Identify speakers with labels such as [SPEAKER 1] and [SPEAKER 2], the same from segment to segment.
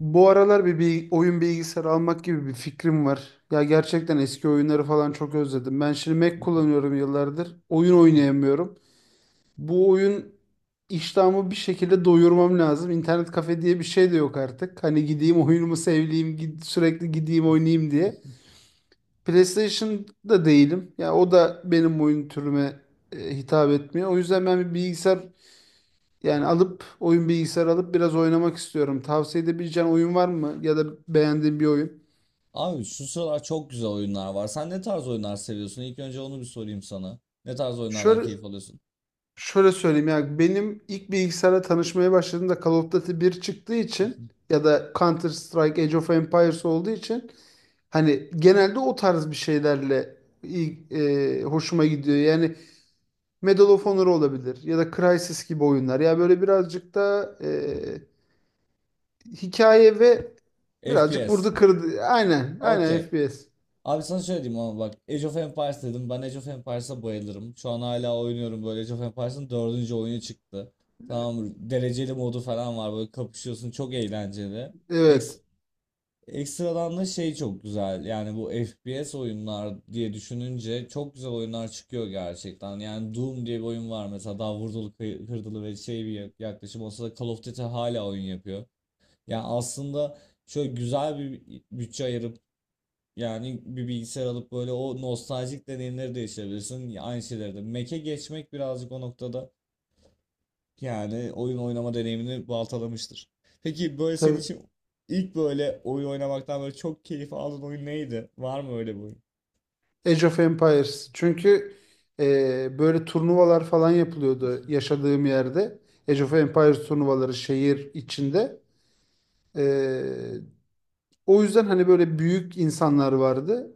[SPEAKER 1] Bu aralar bir oyun bilgisayarı almak gibi bir fikrim var. Ya gerçekten eski oyunları falan çok özledim. Ben şimdi Mac kullanıyorum yıllardır. Oyun oynayamıyorum. Bu oyun iştahımı bir şekilde doyurmam lazım. İnternet kafe diye bir şey de yok artık. Hani gideyim oyunumu sevleyeyim, sürekli gideyim oynayayım diye. PlayStation'da değilim. Ya o da benim oyun türüme hitap etmiyor. O yüzden ben bir bilgisayar yani alıp oyun bilgisayarı alıp biraz oynamak istiyorum. Tavsiye edebileceğin oyun var mı? Ya da beğendiğin bir oyun.
[SPEAKER 2] Abi şu sıralar çok güzel oyunlar var. Sen ne tarz oyunlar seviyorsun? İlk önce onu bir sorayım sana. Ne tarz oyunlardan
[SPEAKER 1] Şöyle
[SPEAKER 2] keyif alıyorsun?
[SPEAKER 1] şöyle söyleyeyim ya, benim ilk bilgisayara tanışmaya başladığımda Call of Duty bir çıktığı için ya da Counter Strike, Age of Empires olduğu için hani genelde o tarz bir şeylerle hoşuma gidiyor. Yani Medal of Honor olabilir ya da Crysis gibi oyunlar. Ya böyle birazcık da hikaye ve birazcık
[SPEAKER 2] FPS.
[SPEAKER 1] vurdu kırdı. Aynen, aynen
[SPEAKER 2] Okey.
[SPEAKER 1] FPS.
[SPEAKER 2] Abi sana şöyle diyeyim ama bak Age of Empires dedim. Ben Age of Empires'a bayılırım. Şu an hala oynuyorum böyle Age of Empires'ın dördüncü oyunu çıktı. Tamam, dereceli modu falan var, böyle kapışıyorsun, çok eğlenceli.
[SPEAKER 1] Evet.
[SPEAKER 2] Ekstradan da şey çok güzel. Yani bu FPS oyunlar diye düşününce çok güzel oyunlar çıkıyor gerçekten. Yani Doom diye bir oyun var mesela, daha vurdulu kırdılı ve şey bir yaklaşım olsa da Call of Duty hala oyun yapıyor. Yani aslında şöyle güzel bir bütçe ayırıp, yani bir bilgisayar alıp, böyle o nostaljik deneyimleri de yaşayabilirsin. Aynı şeyleri de. Mac'e geçmek birazcık o noktada yani oyun oynama deneyimini baltalamıştır. Peki böyle senin
[SPEAKER 1] Tabii.
[SPEAKER 2] için ilk böyle oyun oynamaktan böyle çok keyif aldığın oyun neydi? Var mı öyle bir oyun?
[SPEAKER 1] Age of Empires. Çünkü böyle turnuvalar falan yapılıyordu yaşadığım yerde. Age of Empires turnuvaları şehir içinde. E, O yüzden hani böyle büyük insanlar vardı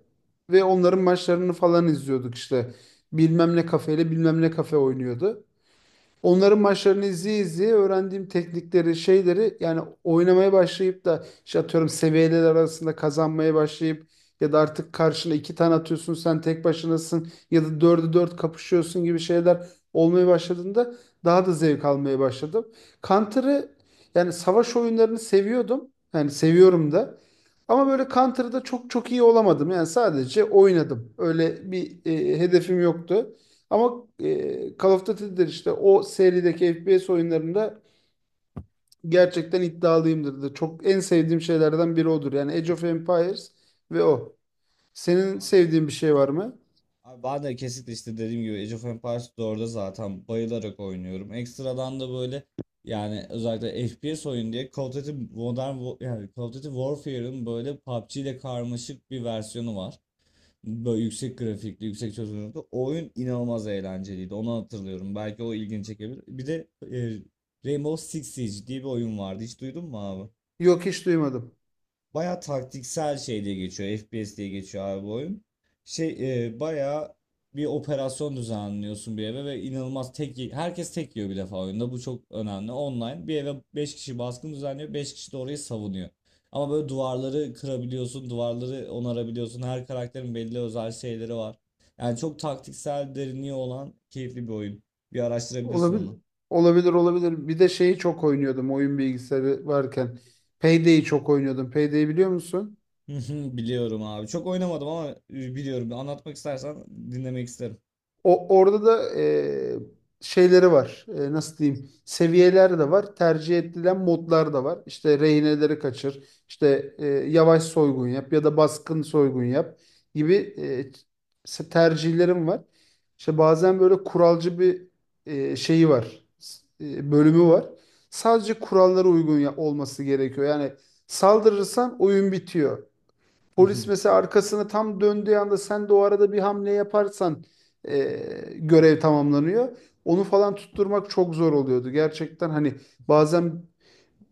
[SPEAKER 1] ve onların maçlarını falan izliyorduk işte. Bilmem ne kafeyle bilmem ne kafe oynuyordu. Onların maçlarını izleye izleye öğrendiğim teknikleri, şeyleri, yani oynamaya başlayıp da işte atıyorum seviyeler arasında kazanmaya başlayıp ya da artık karşına iki tane atıyorsun sen tek başınasın ya da dördü dört kapışıyorsun gibi şeyler olmaya başladığında daha da zevk almaya başladım. Counter'ı, yani savaş oyunlarını seviyordum. Yani seviyorum da. Ama böyle Counter'da çok çok iyi olamadım. Yani sadece oynadım. Öyle bir hedefim yoktu. Ama Call of Duty'dir işte, o serideki FPS oyunlarında gerçekten iddialıyımdır da. Çok, en sevdiğim şeylerden biri odur. Yani Age of Empires ve o. Senin
[SPEAKER 2] Abi,
[SPEAKER 1] sevdiğin bir şey var mı?
[SPEAKER 2] Abi, ben de kesinlikle işte dediğim gibi Age of Empires 4'e zaten bayılarak oynuyorum. Ekstradan da böyle yani özellikle FPS oyun diye Call of Duty yani Call of Duty Warfare'ın böyle PUBG ile karmaşık bir versiyonu var. Böyle yüksek grafikli, yüksek çözünürlüklü. O oyun inanılmaz eğlenceliydi. Onu hatırlıyorum. Belki o ilgini çekebilir. Bir de Rainbow Six Siege diye bir oyun vardı. Hiç duydun mu abi?
[SPEAKER 1] Yok, hiç duymadım.
[SPEAKER 2] Baya taktiksel şey diye geçiyor. FPS diye geçiyor abi bu oyun. Baya bir operasyon düzenliyorsun bir eve ve inanılmaz herkes tek yiyor bir defa oyunda. Bu çok önemli. Online bir eve 5 kişi baskın düzenliyor. Beş kişi de orayı savunuyor. Ama böyle duvarları kırabiliyorsun, duvarları onarabiliyorsun. Her karakterin belli özel şeyleri var. Yani çok taktiksel derinliği olan keyifli bir oyun. Bir araştırabilirsin
[SPEAKER 1] Olabilir.
[SPEAKER 2] onu.
[SPEAKER 1] Olabilir, olabilir. Bir de şeyi çok oynuyordum oyun bilgisayarı varken. Payday'i çok oynuyordum. Payday'i biliyor musun?
[SPEAKER 2] Biliyorum abi. Çok oynamadım ama biliyorum. Anlatmak istersen dinlemek isterim.
[SPEAKER 1] Orada da şeyleri var. E, nasıl diyeyim? Seviyeler de var. Tercih edilen modlar da var. İşte rehineleri kaçır. İşte yavaş soygun yap ya da baskın soygun yap gibi tercihlerim var. İşte bazen böyle kuralcı bir şeyi var. Bölümü var. Sadece kurallara uygun olması gerekiyor. Yani saldırırsan oyun bitiyor. Polis mesela arkasını tam döndüğü anda sen de o arada bir hamle yaparsan e, görev tamamlanıyor. Onu falan tutturmak çok zor oluyordu. Gerçekten hani bazen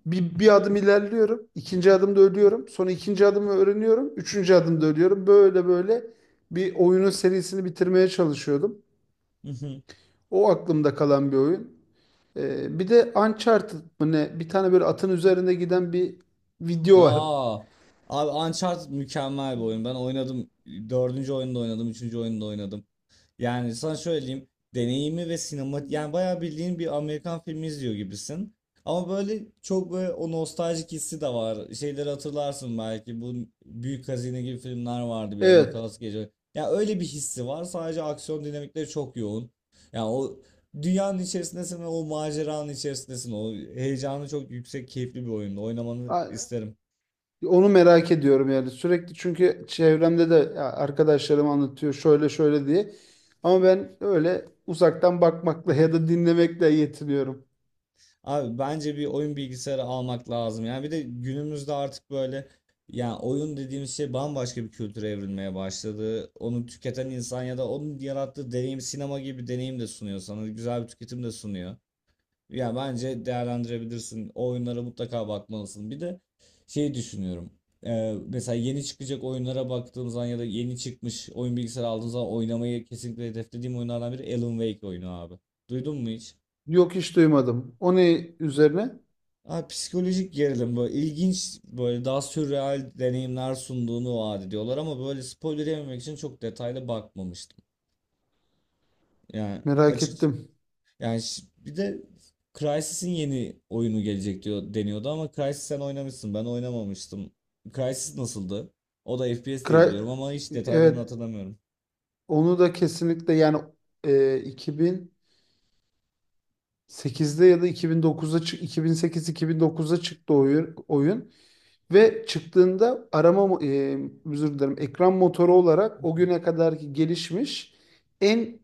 [SPEAKER 1] bir adım ilerliyorum, ikinci adımda ölüyorum, sonra ikinci adımı öğreniyorum, üçüncü adımda ölüyorum. Böyle böyle bir oyunun serisini bitirmeye çalışıyordum.
[SPEAKER 2] Hı hı.
[SPEAKER 1] O aklımda kalan bir oyun. E, bir de Uncharted mı ne? Bir tane böyle atın üzerinde giden bir video var.
[SPEAKER 2] Aa, abi Uncharted mükemmel bir oyun. Ben oynadım. Dördüncü oyunda oynadım. Üçüncü oyunda oynadım. Yani sana söyleyeyim, deneyimi ve sinema, yani bayağı bildiğin bir Amerikan filmi izliyor gibisin. Ama böyle çok böyle o nostaljik hissi de var. Şeyleri hatırlarsın belki. Bu Büyük Hazine gibi filmler vardı bir ara,
[SPEAKER 1] Evet.
[SPEAKER 2] Nicolas Cage. Ya, yani öyle bir hissi var. Sadece aksiyon dinamikleri çok yoğun. Yani o dünyanın içerisindesin ve o maceranın içerisindesin. O heyecanı çok yüksek, keyifli bir oyunda. Oynamanı isterim.
[SPEAKER 1] Onu merak ediyorum yani sürekli, çünkü çevremde de ya arkadaşlarım anlatıyor şöyle şöyle diye. Ama ben öyle uzaktan bakmakla ya da dinlemekle yetiniyorum.
[SPEAKER 2] Abi bence bir oyun bilgisayarı almak lazım. Yani bir de günümüzde artık böyle, yani oyun dediğimiz şey bambaşka bir kültüre evrilmeye başladı. Onu tüketen insan ya da onun yarattığı deneyim sinema gibi bir deneyim de sunuyor sana. Güzel bir tüketim de sunuyor. Yani bence değerlendirebilirsin. O oyunlara mutlaka bakmalısın. Bir de şey düşünüyorum. Mesela yeni çıkacak oyunlara baktığım zaman ya da yeni çıkmış oyun bilgisayarı aldığım zaman oynamayı kesinlikle hedeflediğim oyunlardan biri Alan Wake oyunu abi. Duydun mu hiç?
[SPEAKER 1] Yok, hiç duymadım. O ne üzerine?
[SPEAKER 2] Abi psikolojik gerilim, böyle ilginç, böyle daha sürreal deneyimler sunduğunu vaat ediyorlar ama böyle spoiler yememek için çok detaylı bakmamıştım. Yani
[SPEAKER 1] Merak
[SPEAKER 2] açık,
[SPEAKER 1] ettim.
[SPEAKER 2] yani bir de Crysis'in yeni oyunu gelecek diyor, deniyordu, ama Crysis sen oynamışsın, ben oynamamıştım. Crysis nasıldı? O da FPS diye
[SPEAKER 1] Kray,
[SPEAKER 2] biliyorum ama hiç detaylarını
[SPEAKER 1] evet,
[SPEAKER 2] hatırlamıyorum.
[SPEAKER 1] onu da kesinlikle yani e, 2008'de ya da 2009'da 2008-2009'da çıktı oyun. Ve çıktığında arama, özür dilerim, ekran motoru olarak o güne kadarki gelişmiş en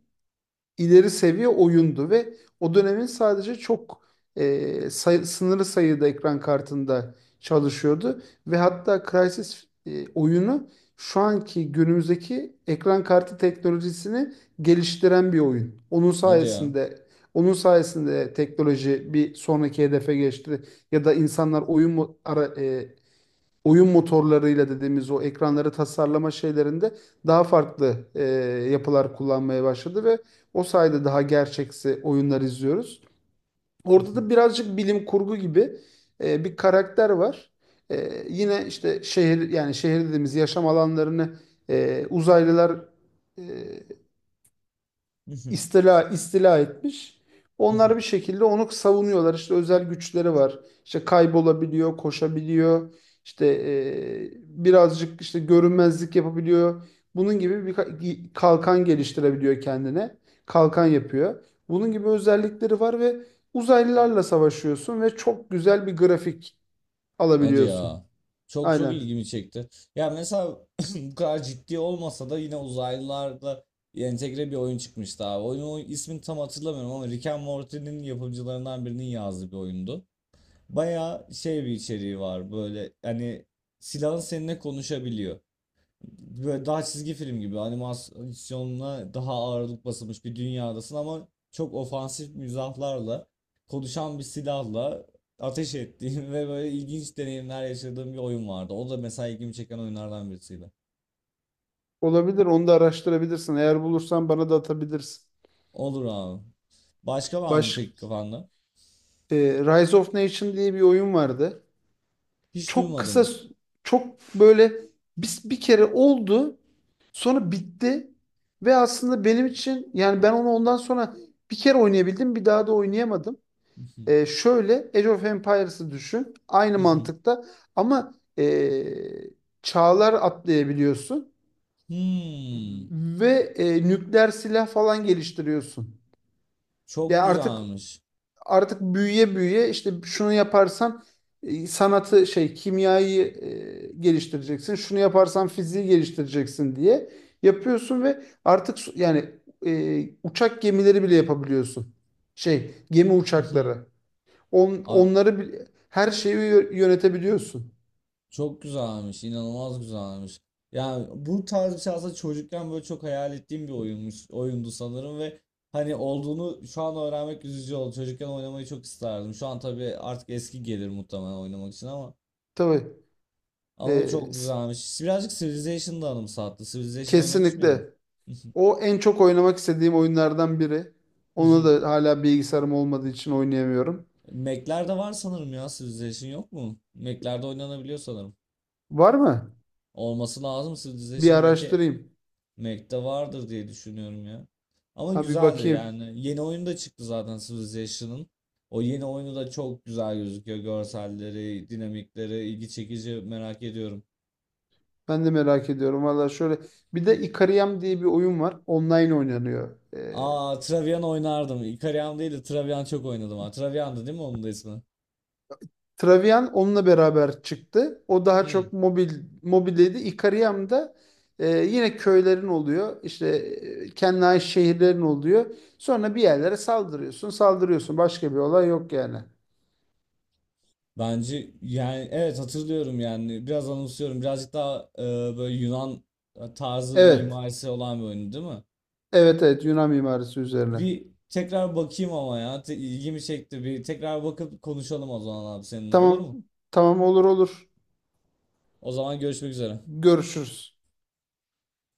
[SPEAKER 1] ileri seviye oyundu ve o dönemin sadece çok sınırlı sayıda ekran kartında çalışıyordu ve hatta Crysis oyunu şu anki günümüzdeki ekran kartı teknolojisini geliştiren bir oyun. Onun
[SPEAKER 2] Hadi ya.
[SPEAKER 1] sayesinde onun sayesinde teknoloji bir sonraki hedefe geçti ya da insanlar oyun mu- ara, e, oyun motorlarıyla dediğimiz o ekranları tasarlama şeylerinde daha farklı yapılar kullanmaya başladı ve o sayede daha gerçeksi oyunlar izliyoruz. Orada da birazcık bilim kurgu gibi bir karakter var. E, yine işte şehir, yani şehir dediğimiz yaşam alanlarını, uzaylılar e, istila etmiş. Onlar bir şekilde onu savunuyorlar. İşte özel güçleri var. İşte kaybolabiliyor, koşabiliyor. İşte e, birazcık işte görünmezlik yapabiliyor. Bunun gibi bir kalkan geliştirebiliyor kendine. Kalkan yapıyor. Bunun gibi özellikleri var ve uzaylılarla savaşıyorsun ve çok güzel bir grafik
[SPEAKER 2] Hadi
[SPEAKER 1] alabiliyorsun.
[SPEAKER 2] ya. Çok çok
[SPEAKER 1] Aynen.
[SPEAKER 2] ilgimi çekti. Ya mesela bu kadar ciddi olmasa da yine uzaylılarla entegre bir oyun çıkmıştı abi. Oyunun ismini tam hatırlamıyorum ama Rick and Morty'nin yapımcılarından birinin yazdığı bir oyundu. Baya şey bir içeriği var, böyle hani silahın seninle konuşabiliyor, böyle daha çizgi film gibi animasyonla daha ağırlık basılmış bir dünyadasın ama çok ofansif mizahlarla konuşan bir silahla ateş ettiğim ve böyle ilginç deneyimler yaşadığım bir oyun vardı. O da mesela ilgimi çeken oyunlardan birisiydi.
[SPEAKER 1] Olabilir. Onu da araştırabilirsin. Eğer bulursan bana da atabilirsin.
[SPEAKER 2] Olur abi. Başka var mı peki
[SPEAKER 1] Baş,
[SPEAKER 2] kafanda?
[SPEAKER 1] e, Rise of Nation diye bir oyun vardı.
[SPEAKER 2] Hiç
[SPEAKER 1] Çok kısa,
[SPEAKER 2] duymadım.
[SPEAKER 1] çok böyle bir kere oldu, sonra bitti ve aslında benim için yani ben onu ondan sonra bir kere oynayabildim, bir daha da oynayamadım. Şöyle Age of Empires'ı düşün aynı mantıkta, ama çağlar atlayabiliyorsun
[SPEAKER 2] Hmm,
[SPEAKER 1] ve nükleer silah falan geliştiriyorsun.
[SPEAKER 2] çok
[SPEAKER 1] Ya artık,
[SPEAKER 2] güzelmiş.
[SPEAKER 1] artık büyüye büyüye işte şunu yaparsan sanatı, şey, kimyayı geliştireceksin. Şunu yaparsan fiziği geliştireceksin diye yapıyorsun ve artık yani uçak gemileri bile yapabiliyorsun. Şey, gemi uçakları.
[SPEAKER 2] A-
[SPEAKER 1] Onları her şeyi yönetebiliyorsun.
[SPEAKER 2] Çok güzelmiş, inanılmaz güzelmiş. Yani bu tarz bir şey aslında çocukken böyle çok hayal ettiğim bir oyunmuş, oyundu sanırım ve hani olduğunu şu an öğrenmek üzücü oldu. Çocukken oynamayı çok isterdim. Şu an tabii artık eski gelir muhtemelen oynamak için ama
[SPEAKER 1] Tabii. e,
[SPEAKER 2] ama çok
[SPEAKER 1] s-
[SPEAKER 2] güzelmiş. Birazcık Civilization'da anımsattı. Civilization oynamış mıydın?
[SPEAKER 1] Kesinlikle. O en çok oynamak istediğim oyunlardan biri. Onu da hala bilgisayarım olmadığı için oynayamıyorum.
[SPEAKER 2] Mac'lerde var sanırım ya, Civilization yok mu? Mac'lerde oynanabiliyor sanırım.
[SPEAKER 1] Var mı?
[SPEAKER 2] Olması lazım
[SPEAKER 1] Bir
[SPEAKER 2] Civilization Mac'e.
[SPEAKER 1] araştırayım.
[SPEAKER 2] Mac'te vardır diye düşünüyorum ya. Ama
[SPEAKER 1] Ha, bir
[SPEAKER 2] güzeldi
[SPEAKER 1] bakayım.
[SPEAKER 2] yani. Yeni oyun da çıktı zaten Civilization'ın. O yeni oyunu da çok güzel gözüküyor. Görselleri, dinamikleri ilgi çekici, merak ediyorum.
[SPEAKER 1] Ben de merak ediyorum. Valla şöyle. Bir de Ikariam diye bir oyun var. Online oynanıyor.
[SPEAKER 2] Aa, Travian oynardım. Ikariam değil de Travian çok oynadım. Ha. Travian'dı değil mi onun da ismi?
[SPEAKER 1] Travian onunla beraber çıktı. O daha
[SPEAKER 2] Hmm.
[SPEAKER 1] çok mobil mobildeydi. Ikariam da yine köylerin oluyor. İşte kendine ait şehirlerin oluyor. Sonra bir yerlere saldırıyorsun. Saldırıyorsun. Başka bir olay yok yani.
[SPEAKER 2] Bence, yani evet, hatırlıyorum yani. Biraz anımsıyorum. Birazcık daha böyle Yunan tarzı
[SPEAKER 1] Evet.
[SPEAKER 2] mimarisi olan bir oyun değil mi?
[SPEAKER 1] Evet, evet, Yunan mimarisi üzerine.
[SPEAKER 2] Bir tekrar bakayım ama ya. İlgimi çekti. Bir tekrar bakıp konuşalım o zaman abi seninle. Olur
[SPEAKER 1] Tamam.
[SPEAKER 2] mu?
[SPEAKER 1] Tamam, olur, olur.
[SPEAKER 2] O zaman görüşmek üzere.
[SPEAKER 1] Görüşürüz.